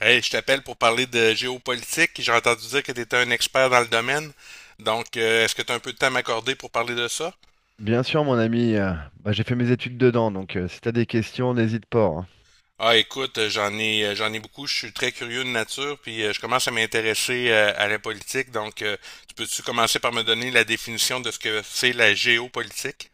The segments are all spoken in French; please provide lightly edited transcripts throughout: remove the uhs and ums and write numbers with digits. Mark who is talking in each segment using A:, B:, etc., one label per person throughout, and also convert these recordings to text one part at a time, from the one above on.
A: Hey, je t'appelle pour parler de géopolitique. J'ai entendu dire que tu étais un expert dans le domaine. Donc, est-ce que tu as un peu de temps à m'accorder pour parler de ça?
B: Bien sûr, mon ami, j'ai fait mes études dedans, donc si tu as des questions, n'hésite pas, hein.
A: Ah, écoute, j'en ai beaucoup. Je suis très curieux de nature, puis je commence à m'intéresser à la politique. Donc, tu peux-tu commencer par me donner la définition de ce que c'est la géopolitique?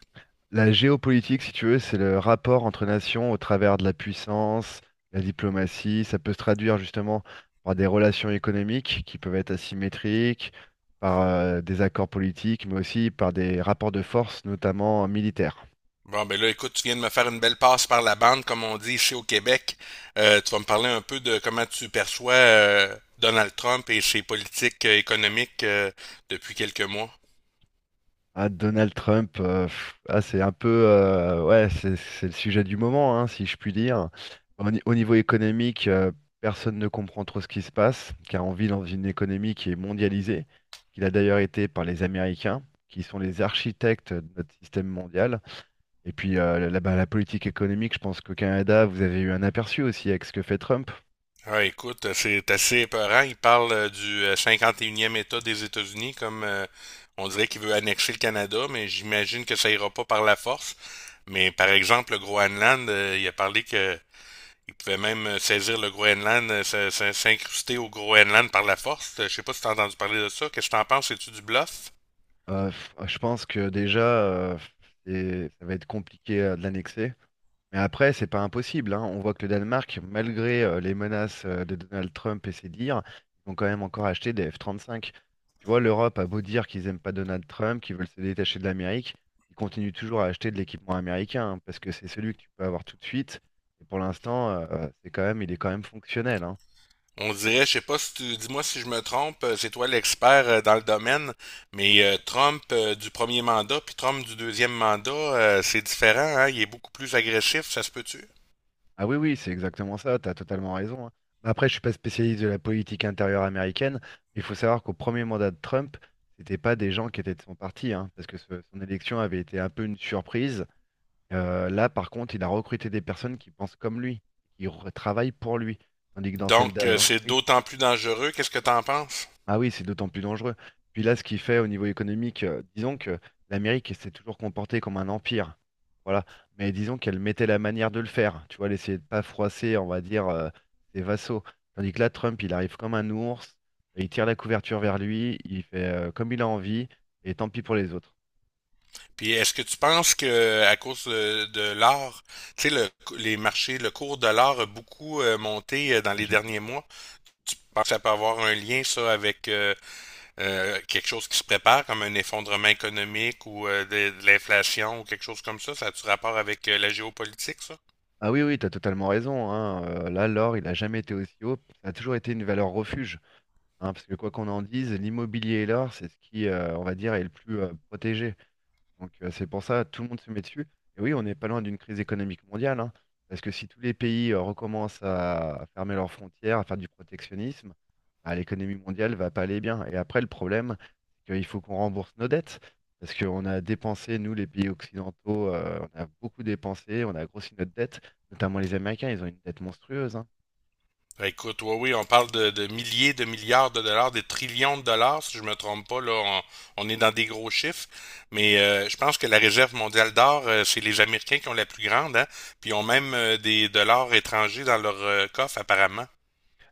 B: La géopolitique, si tu veux, c'est le rapport entre nations au travers de la puissance, la diplomatie. Ça peut se traduire justement par des relations économiques qui peuvent être asymétriques, par des accords politiques, mais aussi par des rapports de force, notamment militaires.
A: Bon, ben là, écoute, tu viens de me faire une belle passe par la bande, comme on dit ici au Québec. Tu vas me parler un peu de comment tu perçois Donald Trump et ses politiques économiques depuis quelques mois.
B: Ah, Donald Trump, ah, c'est un peu, ouais, c'est le sujet du moment, hein, si je puis dire. Au niveau économique, personne ne comprend trop ce qui se passe, car on vit dans une économie qui est mondialisée, qu'il a d'ailleurs été par les Américains, qui sont les architectes de notre système mondial. Et puis, la politique économique, je pense qu'au Canada, vous avez eu un aperçu aussi avec ce que fait Trump.
A: Ah, écoute, c'est assez épeurant. Il parle du 51e État des États-Unis. Comme on dirait qu'il veut annexer le Canada, mais j'imagine que ça ira pas par la force. Mais par exemple, le Groenland, il a parlé que il pouvait même saisir le Groenland, s'incruster au Groenland par la force. Je sais pas si t'as entendu parler de ça. Qu'est-ce que t'en penses? C'est-tu du bluff?
B: Je pense que déjà, ça va être compliqué de l'annexer. Mais après, c'est pas impossible, hein. On voit que le Danemark, malgré les menaces de Donald Trump et ses dires, ils ont quand même encore acheté des F-35. Tu vois, l'Europe a beau dire qu'ils aiment pas Donald Trump, qu'ils veulent se détacher de l'Amérique, ils continuent toujours à acheter de l'équipement américain, hein, parce que c'est celui que tu peux avoir tout de suite. Et pour l'instant, c'est quand même, il est quand même fonctionnel, hein.
A: On dirait, je sais pas si tu, dis-moi si je me trompe, c'est toi l'expert dans le domaine, mais Trump du premier mandat puis Trump du deuxième mandat, c'est différent, hein, il est beaucoup plus agressif, ça se peut-tu?
B: Ah oui, oui, c'est exactement ça, tu as totalement raison, hein. Après, je suis pas spécialiste de la politique intérieure américaine, mais il faut savoir qu'au premier mandat de Trump, c'était pas des gens qui étaient de son parti, hein, parce que son élection avait été un peu une surprise. Là, par contre, il a recruté des personnes qui pensent comme lui, qui travaillent pour lui. Tandis que dans celle
A: Donc,
B: d'avant,
A: c'est
B: oui,
A: d'autant plus dangereux, qu'est-ce que t'en penses?
B: ah oui, c'est d'autant plus dangereux. Puis là, ce qu'il fait au niveau économique, disons que l'Amérique s'est toujours comportée comme un empire. Voilà. Mais disons qu'elle mettait la manière de le faire. Tu vois, elle essayait de pas froisser, on va dire, ses vassaux. Tandis que là, Trump, il arrive comme un ours, il tire la couverture vers lui, il fait comme il a envie, et tant pis pour les autres.
A: Puis est-ce que tu penses que à cause de l'or, tu sais les marchés, le cours de l'or a beaucoup monté dans
B: Ah,
A: les
B: j'ai vu.
A: derniers mois? Tu penses que ça peut avoir un lien, ça, avec quelque chose qui se prépare, comme un effondrement économique ou de l'inflation ou quelque chose comme ça? Ça a-tu rapport avec la géopolitique, ça?
B: Ah oui, oui, t'as totalement raison, hein. Là, l'or, il a jamais été aussi haut. Ça a toujours été une valeur refuge, hein, parce que quoi qu'on en dise, l'immobilier et l'or, c'est ce qui, on va dire, est le plus protégé. Donc c'est pour ça tout le monde se met dessus. Et oui, on n'est pas loin d'une crise économique mondiale, hein, parce que si tous les pays recommencent à fermer leurs frontières, à faire du protectionnisme, bah, l'économie mondiale va pas aller bien. Et après, le problème, c'est qu'il faut qu'on rembourse nos dettes, parce qu'on a dépensé, nous, les pays occidentaux, on a beaucoup dépensé, on a grossi notre dette, notamment les Américains, ils ont une dette monstrueuse, hein.
A: Écoute, oui, oui, on parle de milliers de milliards de dollars, des trillions de dollars, si je me trompe pas, là, on est dans des gros chiffres. Mais je pense que la réserve mondiale d'or, c'est les Américains qui ont la plus grande, hein, puis ils ont même des dollars étrangers dans leur coffre, apparemment.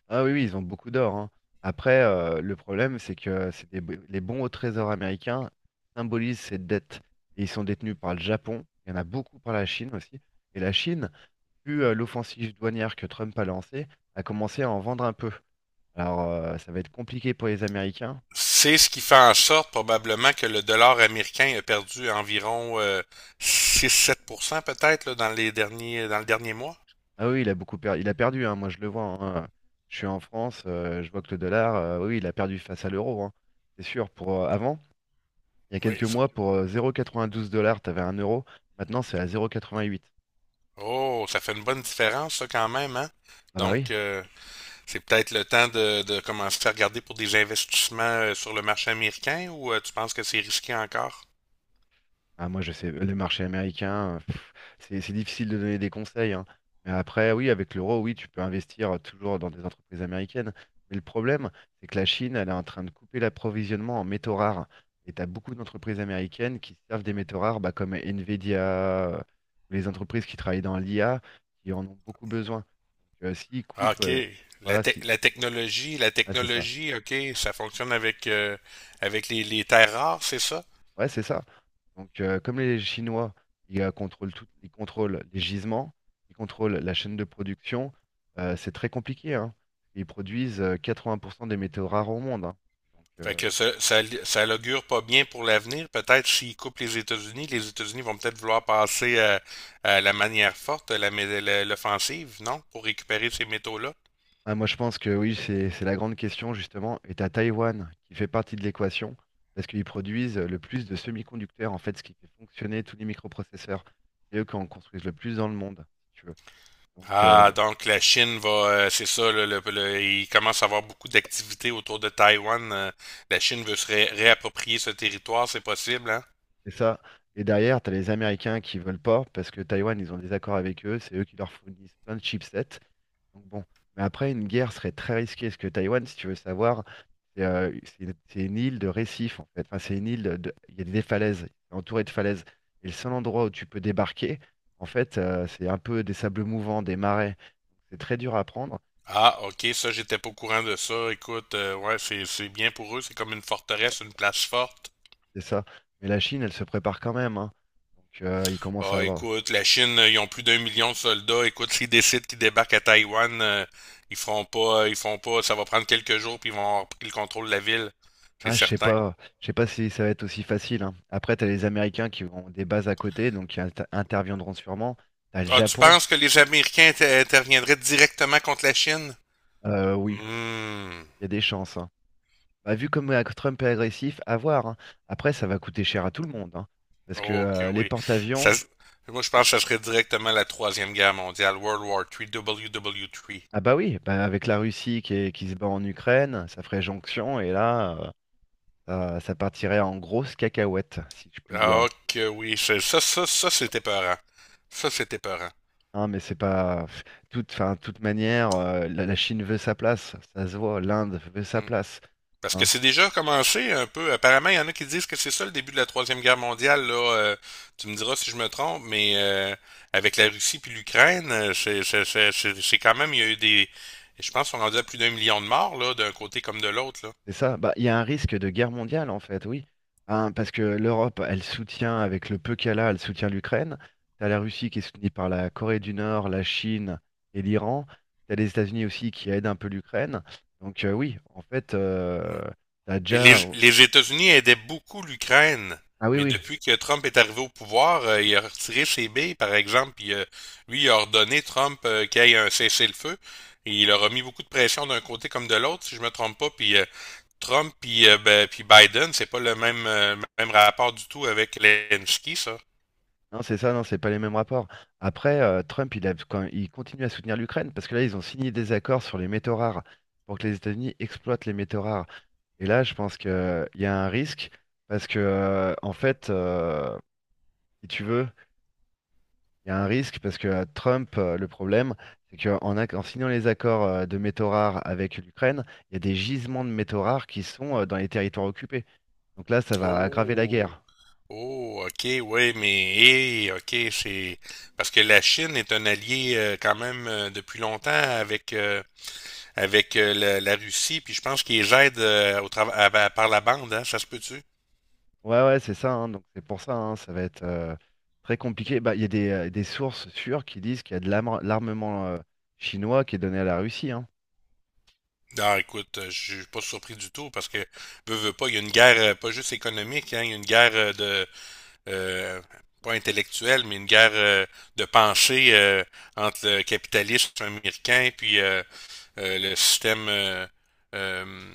B: Ah oui, oui, ils ont beaucoup d'or, hein. Après, le problème, c'est que les bons au trésor américains symbolisent ces dettes. Et ils sont détenus par le Japon, il y en a beaucoup par la Chine aussi. Et la Chine, vu l'offensive douanière que Trump a lancée, a commencé à en vendre un peu. Alors, ça va être compliqué pour les Américains.
A: C'est ce qui fait en sorte probablement que le dollar américain a perdu environ 6 à 7% peut-être là, dans le dernier mois.
B: Ah oui, il a beaucoup perdu. Il a perdu, hein, moi je le vois, hein. Je suis en France, je vois que le dollar, oui, il a perdu face à l'euro, hein. C'est sûr, pour avant. Il y a
A: Oui.
B: quelques mois, pour 0,92 dollars, t'avais un euro. Maintenant, c'est à 0,88.
A: Oh, ça fait une bonne différence ça quand même, hein?
B: Ah bah oui.
A: Donc, c'est peut-être le temps de commencer à regarder pour des investissements sur le marché américain ou tu penses que c'est risqué encore?
B: Ah, moi, je sais, le marché américain, c'est difficile de donner des conseils, hein. Mais après, oui, avec l'euro, oui, tu peux investir toujours dans des entreprises américaines. Mais le problème, c'est que la Chine, elle est en train de couper l'approvisionnement en métaux rares. Et tu as beaucoup d'entreprises américaines qui se servent des métaux rares, bah, comme Nvidia, euh, les entreprises qui travaillent dans l'IA, qui en ont beaucoup besoin. Donc, s'ils
A: Ah,
B: coupent,
A: OK. La,
B: voilà,
A: tec-
B: si...
A: la technologie, la
B: Ah, c'est ça.
A: technologie, OK, ça fonctionne avec avec les terres rares, c'est ça?
B: Ouais, c'est ça. Donc, comme les Chinois, ils contrôlent tout, ils contrôlent les gisements, ils contrôlent la chaîne de production, c'est très compliqué, hein. Ils produisent 80% des métaux rares au monde, hein. Donc,
A: Fait
B: euh,
A: que ça l'augure pas bien pour l'avenir. Peut-être s'ils coupent les États-Unis vont peut-être vouloir passer à la manière forte, à l'offensive, non? Pour récupérer ces métaux-là.
B: ah, moi, je pense que oui, c'est la grande question, justement. Et t'as Taïwan qui fait partie de l'équation parce qu'ils produisent le plus de semi-conducteurs, en fait, ce qui fait fonctionner tous les microprocesseurs. C'est eux qui en construisent le plus dans le monde, si tu veux. Donc, euh,
A: Ah, donc la Chine va, c'est ça, là, il commence à avoir beaucoup d'activités autour de Taïwan. La Chine veut se réapproprier ce territoire, c'est possible, hein?
B: C'est ça. Et derrière, tu as les Américains qui veulent pas parce que Taïwan, ils ont des accords avec eux, c'est eux qui leur fournissent plein de chipsets. Donc bon, mais après, une guerre serait très risquée parce que Taïwan, si tu veux savoir, c'est une île de récifs en fait. Enfin, c'est une île il y a des falaises, c'est entouré de falaises. Et le seul endroit où tu peux débarquer, en fait, c'est un peu des sables mouvants, des marais. C'est très dur à prendre,
A: Ah, ok, ça, j'étais pas au courant de ça. Écoute, ouais, c'est bien pour eux, c'est comme une forteresse, une place forte.
B: c'est ça. Mais la Chine, elle se prépare quand même, hein. Ils commencent à
A: Ah,
B: avoir.
A: écoute, la Chine, ils ont plus d'1 million de soldats. Écoute, s'ils décident qu'ils débarquent à Taïwan, ils feront pas, ils font pas. Ça va prendre quelques jours, puis ils vont avoir pris le contrôle de la ville. C'est
B: Ah,
A: certain.
B: je sais pas si ça va être aussi facile, hein. Après, t'as les Américains qui ont des bases à côté, donc qui interviendront sûrement. T'as le
A: Ah, tu
B: Japon,
A: penses que les Américains interviendraient directement contre la Chine?
B: oui,
A: Hmm.
B: il y a des chances, hein. Bah, vu comme Trump est agressif, à voir, hein. Après, ça va coûter cher à tout le monde, hein, parce que
A: Ok,
B: euh, les
A: oui. Ça,
B: porte-avions,
A: s- moi, je pense que ça serait directement la Troisième Guerre mondiale, World War trois, WW3.
B: ah bah oui, bah avec la Russie qui, qui se bat en Ukraine, ça ferait jonction et là, ça, ça partirait en grosse cacahuète, si je puis
A: Ah,
B: dire.
A: ok, oui. Ça, c'était peurant. Ça, c'était peurant.
B: Hein, mais c'est pas pff, enfin, toute manière, la Chine veut sa place, ça se voit, l'Inde veut sa place,
A: Parce que
B: hein.
A: c'est déjà commencé un peu. Apparemment, il y en a qui disent que c'est ça le début de la Troisième Guerre mondiale. Là, tu me diras si je me trompe, mais avec la Russie puis l'Ukraine, c'est quand même, il y a eu des... Je pense qu'on rendait à plus d'1 million de morts, là, d'un côté comme de l'autre, là.
B: C'est ça. Bah, il y a un risque de guerre mondiale en fait, oui, hein, parce que l'Europe, elle soutient avec le peu qu'elle a, elle soutient l'Ukraine. T'as la Russie qui est soutenue par la Corée du Nord, la Chine et l'Iran. T'as les États-Unis aussi qui aident un peu l'Ukraine. Oui, en fait,
A: Ouais.
B: t'as
A: Mais les,
B: déjà.
A: les États-Unis aidaient beaucoup l'Ukraine.
B: Ah oui,
A: Mais
B: oui.
A: depuis que Trump est arrivé au pouvoir, il a retiré ses billes, par exemple, puis lui, il a ordonné Trump qu'il y ait un cessez-le-feu. Et il a remis beaucoup de pression d'un côté comme de l'autre, si je me trompe pas. Puis Trump puis ben, puis Biden, c'est pas le même rapport du tout avec Zelensky, ça.
B: Non, c'est ça, non, c'est pas les mêmes rapports. Après, Trump, il continue à soutenir l'Ukraine parce que là, ils ont signé des accords sur les métaux rares pour que les États-Unis exploitent les métaux rares. Et là, je pense qu'il y a un risque parce que, en fait, si tu veux, il y a un risque parce que le problème, c'est qu'en en signant les accords de métaux rares avec l'Ukraine, il y a des gisements de métaux rares qui sont dans les territoires occupés. Donc là, ça va aggraver la
A: Oh,
B: guerre.
A: oh, ok, oui, mais hé, ok, c'est parce que la Chine est un allié quand même depuis longtemps avec la Russie, puis je pense qu'ils aident au trava- à- par la bande, hein, ça se peut-tu?
B: Ouais, ouais, c'est ça, hein. Donc c'est pour ça, hein, ça va être très compliqué. Bah, il y a des sources sûres qui disent qu'il y a de l'armement chinois qui est donné à la Russie, hein.
A: Non, écoute, je suis pas surpris du tout parce que veux, veux pas, il y a une guerre pas juste économique, hein, il y a une guerre de euh, pas intellectuelle, mais une guerre de pensée entre le capitalisme américain puis le système euh,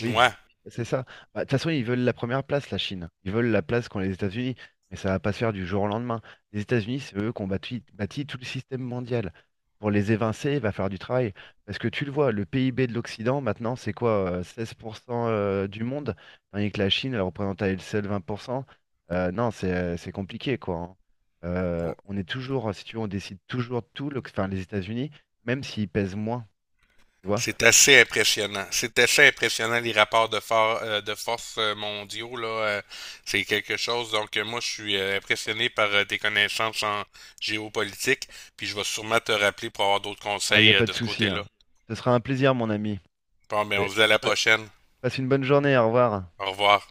B: Oui, c'est ça. Bah, de toute façon, ils veulent la première place, la Chine. Ils veulent la place qu'ont les États-Unis, mais ça va pas se faire du jour au lendemain. Les États-Unis, c'est eux qui ont bâti tout le système mondial. Pour les évincer, il va falloir du travail. Parce que tu le vois, le PIB de l'Occident, maintenant, c'est quoi? 16% du monde, tandis que la Chine, elle représente à elle seule 20%. Non, c'est compliqué, quoi, hein.
A: Ou-
B: On est toujours, si tu veux, on décide toujours de tout, enfin, les États-Unis, même s'ils pèsent moins, tu vois.
A: C'est assez impressionnant. C'est assez impressionnant les rapports de force mondiaux là. C'est quelque chose. Donc, moi je suis impressionné par tes connaissances en géopolitique. Puis je vais sûrement te rappeler pour avoir d'autres
B: Ah, il n'y a
A: conseils
B: pas de
A: de ce
B: souci, hein.
A: côté-là.
B: Ce sera un plaisir, mon ami.
A: Bon, mais on
B: Allez,
A: se dit à la
B: pa-
A: prochaine.
B: passe une bonne journée, au revoir.
A: Au revoir.